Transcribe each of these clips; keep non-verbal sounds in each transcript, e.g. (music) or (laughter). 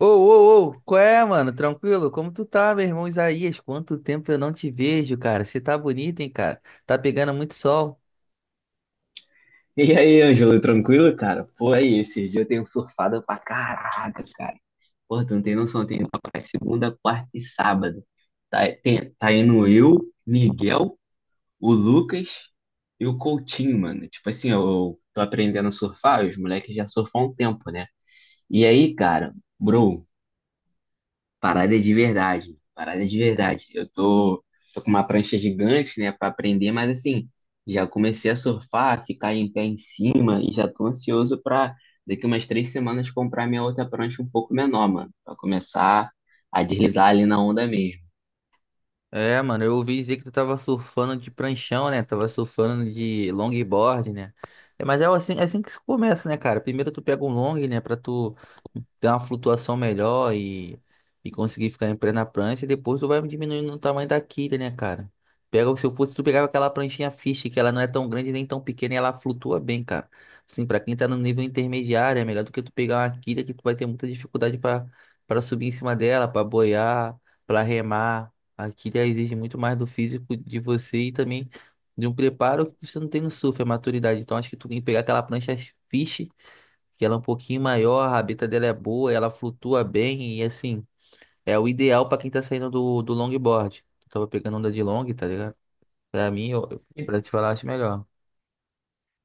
Ô, ô, ô, qual é, mano? Tranquilo? Como tu tá, meu irmão Isaías? Quanto tempo eu não te vejo, cara? Você tá bonito, hein, cara? Tá pegando muito sol. E aí, Ângelo, tranquilo, cara? Pô, aí, esses dias eu tenho surfado pra caraca, cara. Pô, tu não tem noção, tem segunda, quarta e sábado. Tá, tá indo eu, Miguel, o Lucas e o Coutinho, mano. Tipo assim, eu tô aprendendo a surfar, os moleques já surfam há um tempo, né? E aí, cara, bro, parada de verdade, parada de verdade. Eu tô com uma prancha gigante, né, pra aprender, mas assim, já comecei a surfar, ficar em pé em cima e já tô ansioso pra daqui umas 3 semanas comprar minha outra prancha um pouco menor, mano, pra começar a deslizar ali na onda mesmo. É, mano, eu ouvi dizer que tu tava surfando de pranchão, né? Tava surfando de longboard, né? É, mas é assim que se começa, né, cara? Primeiro tu pega um long, né, pra tu ter uma flutuação melhor e, conseguir ficar em pé na prancha, e depois tu vai diminuindo o tamanho da quilha, né, cara? Pega, se eu fosse, tu pegava aquela pranchinha fish, que ela não é tão grande nem tão pequena, e ela flutua bem, cara. Assim, pra quem tá no nível intermediário, é melhor do que tu pegar uma quilha que tu vai ter muita dificuldade pra para subir em cima dela, pra boiar, pra remar. Aqui já exige muito mais do físico de você e também de um preparo que você não tem no surf, é maturidade. Então acho que tu tem que pegar aquela prancha fish, que ela é um pouquinho maior, a rabeta dela é boa, ela flutua bem e assim, é o ideal pra quem tá saindo do longboard. Eu tava pegando onda de long, tá ligado? Pra mim, eu, E- pra te falar, acho melhor.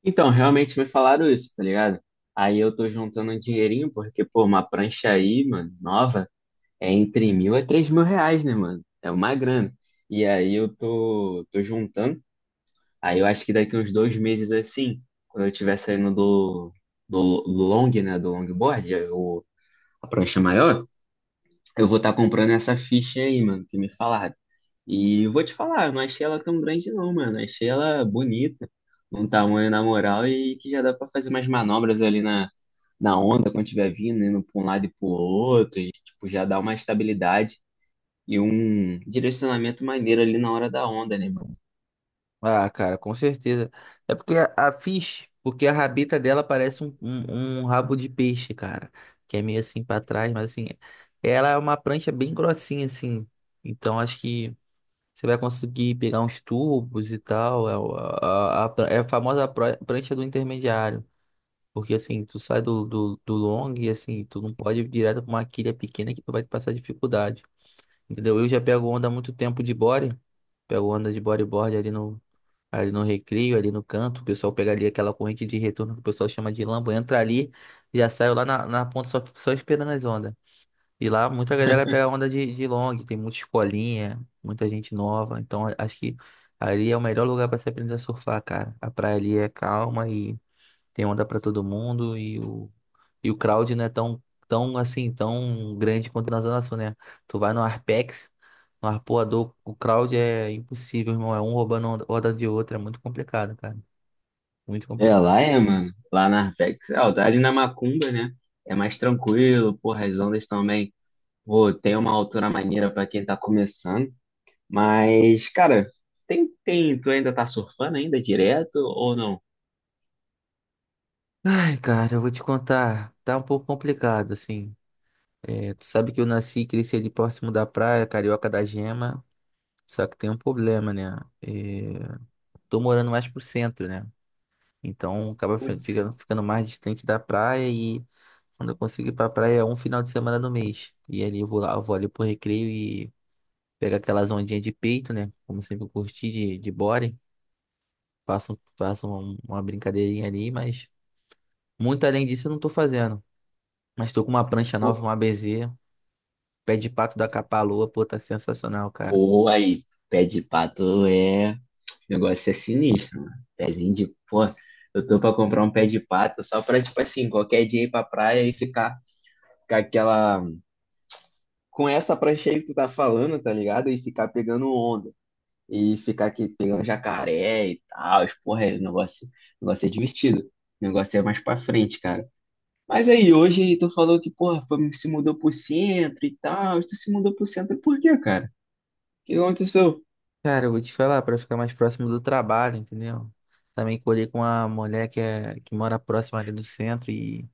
Então, realmente me falaram isso, tá ligado? Aí eu tô juntando um dinheirinho, porque, pô, uma prancha aí, mano, nova, é entre 1.000 a 3.000 reais, né, mano? É uma grana. E aí eu tô juntando. Aí eu acho que daqui uns 2 meses assim, quando eu estiver saindo do long, né, do longboard, a prancha maior, eu vou estar comprando essa ficha aí, mano, que me falaram. E eu vou te falar, não achei ela tão grande não, mano. Achei ela bonita, um tamanho na moral e que já dá pra fazer umas manobras ali na onda quando estiver vindo, indo pra um lado e pro outro, e tipo, já dá uma estabilidade e um direcionamento maneiro ali na hora da onda, né? Ah, cara, com certeza. É porque a Fish, porque a rabeta dela parece um rabo de peixe, cara. Que é meio assim pra trás, mas assim, ela é uma prancha bem grossinha, assim. Então acho que você vai conseguir pegar uns tubos e tal. É a famosa prancha do intermediário. Porque assim, tu sai do long e assim, tu não pode ir direto pra uma quilha pequena que tu vai te passar dificuldade. Entendeu? Eu já pego onda há muito tempo de body. Pego onda de bodyboard ali no recreio, ali no canto, o pessoal pega ali aquela corrente de retorno que o pessoal chama de lamba, entra ali e já saiu lá na ponta só, só esperando as ondas. E lá muita galera pega onda de long, tem muita escolinha, muita gente nova, então acho que ali é o melhor lugar para se aprender a surfar, cara. A praia ali é calma e tem onda pra todo mundo e e o crowd não é tão assim, tão grande quanto na Zona Sul, né? Tu vai no Arpex, no Arpoador, o crowd é impossível, irmão. É um roubando onda de outra é muito complicado, cara. Muito É, complicado. lá é, mano. Lá na Arpex, é, ali na Macumba, né? É mais tranquilo, porra, as ondas também. Pô, tem uma altura maneira pra quem tá começando. Mas, cara, tu ainda tá surfando ainda direto ou não? Ai, cara, eu vou te contar. Tá um pouco complicado, assim. É, tu sabe que eu nasci e cresci ali próximo da praia, Carioca da Gema. Só que tem um problema, né? É, tô morando mais pro centro, né? Então acaba Putz, ficando mais distante da praia e quando eu consigo ir pra praia é um final de semana no mês. E ali eu vou lá, eu vou ali pro recreio e pego aquelas ondinhas de peito, né? Como sempre eu curti de body. Faço uma brincadeirinha ali, mas muito além disso eu não tô fazendo. Mas tô com uma prancha nova, pô, uma BZ, pé de pato da Capa-Lua, pô, tá sensacional, cara. Aí, pé de pato é. O negócio é sinistro, mano. Pezinho de. Pô, eu tô pra comprar um pé de pato só pra, tipo assim, qualquer dia ir pra praia e ficar com aquela. Com essa prancha aí que tu tá falando, tá ligado? E ficar pegando onda, e ficar aqui pegando jacaré e tal. As Porra, é, o negócio é divertido. O negócio é mais pra frente, cara. Mas aí, hoje tu falou que, porra, se mudou pro centro e tal. Tu se mudou pro centro por quê, cara? O que aconteceu? Cara, eu vou te falar, pra ficar mais próximo do trabalho, entendeu? Também colhei com uma mulher que, é, que mora próxima ali do centro e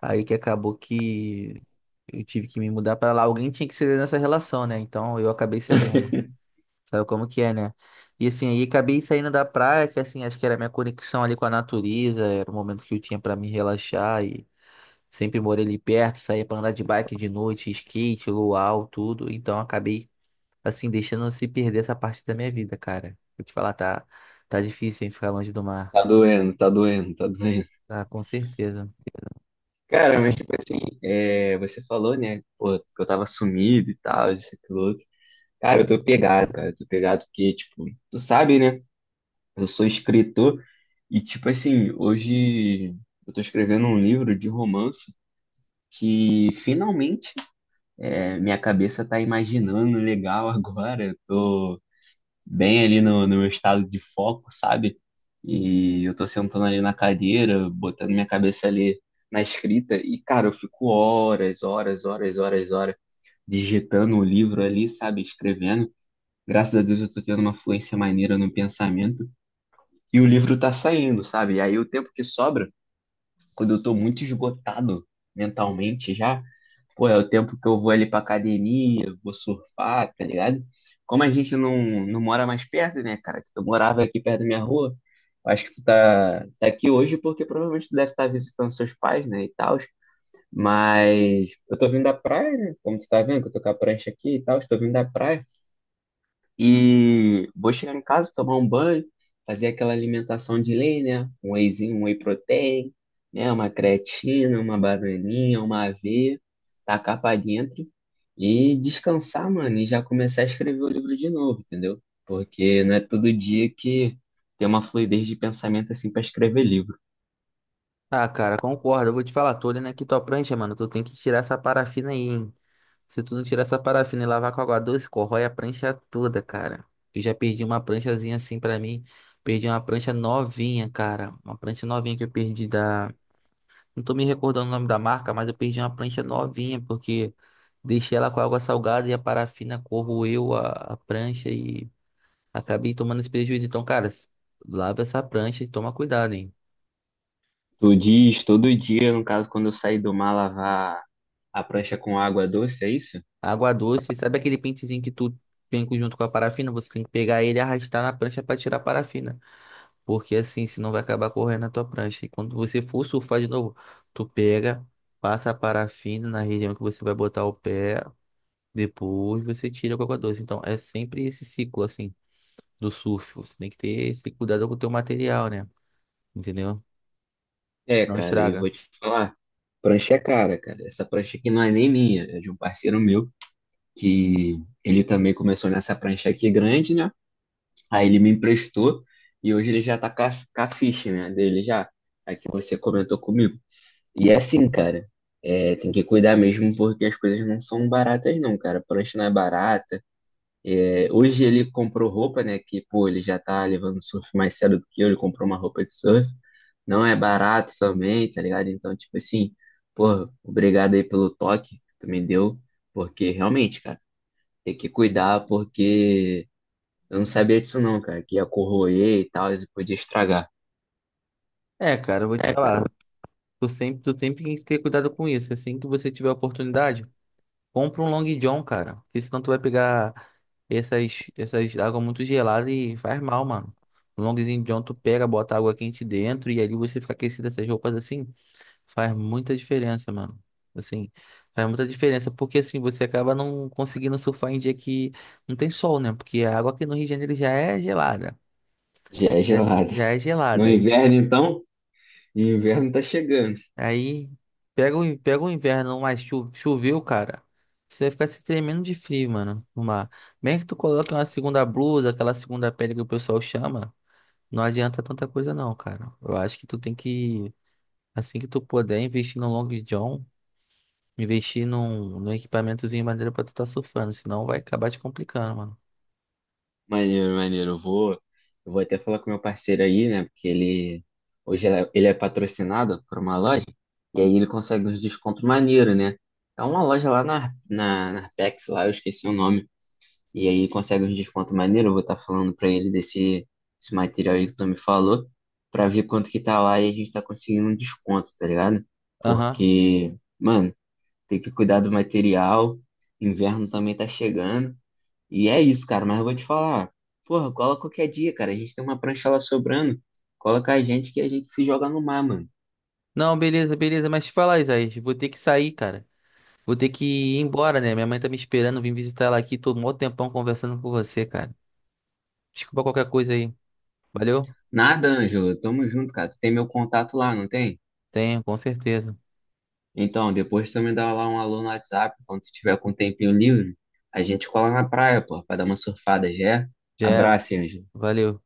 aí que acabou que. Eu tive que me mudar pra lá. Alguém tinha que ceder nessa relação, né? Então eu acabei cedendo. Sabe como que é, né? E assim, aí acabei saindo da praia, que assim, acho que era a minha conexão ali com a natureza, era o momento que eu tinha pra me relaxar e sempre morei ali perto, saía pra andar de bike de noite, skate, luau, tudo. Então acabei assim deixando se perder essa parte da minha vida, cara. Vou te falar, tá difícil hein, ficar longe do mar. Tá doendo, tá doendo, tá doendo. Tá, com certeza. Cara, mas tipo assim, é, você falou, né, pô, que eu tava sumido e tal, isso, e aquilo outro. Cara, eu tô pegado, cara, eu tô pegado porque, tipo, tu sabe, né? Eu sou escritor e, tipo assim, hoje eu tô escrevendo um livro de romance que finalmente é, minha cabeça tá imaginando legal (laughs) agora. Eu tô bem ali no meu estado de foco, sabe? E eu tô sentando ali na cadeira, botando minha cabeça ali na escrita e, cara, eu fico horas, horas, horas, horas, horas digitando o livro ali, sabe? Escrevendo. Graças a Deus eu tô tendo uma fluência maneira no pensamento e o livro tá saindo, sabe? E aí o tempo que sobra, quando eu tô muito esgotado mentalmente já, pô, é o tempo que eu vou ali pra academia, vou surfar, tá ligado? Como a gente não mora mais perto, né, cara? Que tu morava aqui perto da minha rua, eu acho que tu tá aqui hoje porque provavelmente tu deve estar visitando seus pais, né, e tal. Mas eu tô vindo da praia, né? Como tu tá vendo, que eu tô com a prancha aqui e tal, estou vindo da praia. E vou chegar em casa, tomar um banho, fazer aquela alimentação de lei, né? Um wheyzinho, um whey protein, né? Uma creatina, uma bananinha, uma aveia, tacar pra dentro e descansar, mano, e já começar a escrever o livro de novo, entendeu? Porque não é todo dia que tem uma fluidez de pensamento assim para escrever livro. Ah, cara, concordo. Eu vou te falar, tô olhando aqui tua prancha, mano. Tu tem que tirar essa parafina aí, hein? Se tu não tirar essa parafina e lavar com água doce, corrói a prancha toda, cara. Eu já perdi uma pranchazinha assim pra mim. Perdi uma prancha novinha, cara. Uma prancha novinha que eu perdi da. Não tô me recordando o nome da marca, mas eu perdi uma prancha novinha, porque deixei ela com água salgada e a parafina corroeu a prancha e acabei tomando esse prejuízo. Então, cara, lava essa prancha e toma cuidado, hein? Tu diz todo dia, no caso, quando eu sair do mar lavar a prancha com água doce, é isso? Água doce, sabe aquele pentezinho que tu tem junto com a parafina? Você tem que pegar ele e arrastar na prancha pra tirar a parafina. Porque assim, senão vai acabar correndo na tua prancha. E quando você for surfar de novo, tu pega, passa a parafina na região que você vai botar o pé, depois você tira com água doce. Então é sempre esse ciclo assim do surf. Você tem que ter esse cuidado com o teu material, né? Entendeu? É, Senão cara, e estraga. vou te falar, prancha é cara, cara. Essa prancha aqui não é nem minha, é de um parceiro meu, que ele também começou nessa prancha aqui grande, né? Aí ele me emprestou e hoje ele já tá com a ficha, né, dele já, a que você comentou comigo. E é assim, cara, é, tem que cuidar mesmo porque as coisas não são baratas não, cara. Prancha não é barata. Hoje ele comprou roupa, né? Que, pô, ele já tá levando surf mais cedo do que eu. Ele comprou uma roupa de surf. Não é barato também, tá ligado? Então, tipo assim, pô, obrigado aí pelo toque que tu me deu. Porque realmente, cara, tem que cuidar porque eu não sabia disso não, cara. Que ia corroer e tal, e podia estragar. É, cara, eu vou te falar. Tu sempre tem que ter cuidado com isso. Assim que você tiver a oportunidade. Compra um Long John, cara. Porque senão tu vai pegar essas águas muito geladas e faz mal, mano. O Longzinho John tu pega, bota água quente dentro e ali você fica aquecido essas roupas assim. Faz muita diferença, mano. Assim, faz muita diferença. Porque assim, você acaba não conseguindo surfar em dia que não tem sol, né? Porque a água aqui no Rio de Janeiro já é gelada. Já é Já, gelado. já é No gelada. Aí inverno, então, e o inverno tá chegando. aí pega pega o inverno, mas choveu, cara. Você vai ficar se tremendo de frio, mano, no mar. Mesmo que tu coloque uma segunda blusa, aquela segunda pele que o pessoal chama, não adianta tanta coisa não, cara. Eu acho que tu tem que, assim que tu puder, investir no Long John, investir num equipamentozinho maneiro pra tu tá surfando, senão vai acabar te complicando, mano. Maneiro, maneiro. Eu vou até falar com meu parceiro aí, né? Porque ele hoje ele é patrocinado por uma loja e aí ele consegue uns descontos maneiro, né? É uma loja lá na Arpex, lá, eu esqueci o nome. E aí consegue uns descontos maneiro. Eu vou estar falando pra ele desse esse material aí que tu me falou, pra ver quanto que tá lá e a gente tá conseguindo um desconto, tá ligado? Aham. Porque, mano, tem que cuidar do material. Inverno também tá chegando. E é isso, cara, mas eu vou te falar. Porra, cola qualquer dia, cara. A gente tem uma prancha lá sobrando. Cola com a gente que a gente se joga no mar, mano. Não, beleza, beleza, mas te falar, Isaías, vou ter que sair, cara. Vou ter que ir embora, né? Minha mãe tá me esperando, vim visitar ela aqui, tô mó tempão conversando com você, cara. Desculpa qualquer coisa aí. Valeu? Nada, Ângelo. Tamo junto, cara. Tu tem meu contato lá, não tem? Tenho, com certeza. Então, depois tu me dá lá um alô no WhatsApp, quando tu tiver com um tempinho livre, a gente cola na praia, porra, pra dar uma surfada, já é? Já é. Abraço, Ângelo. Valeu.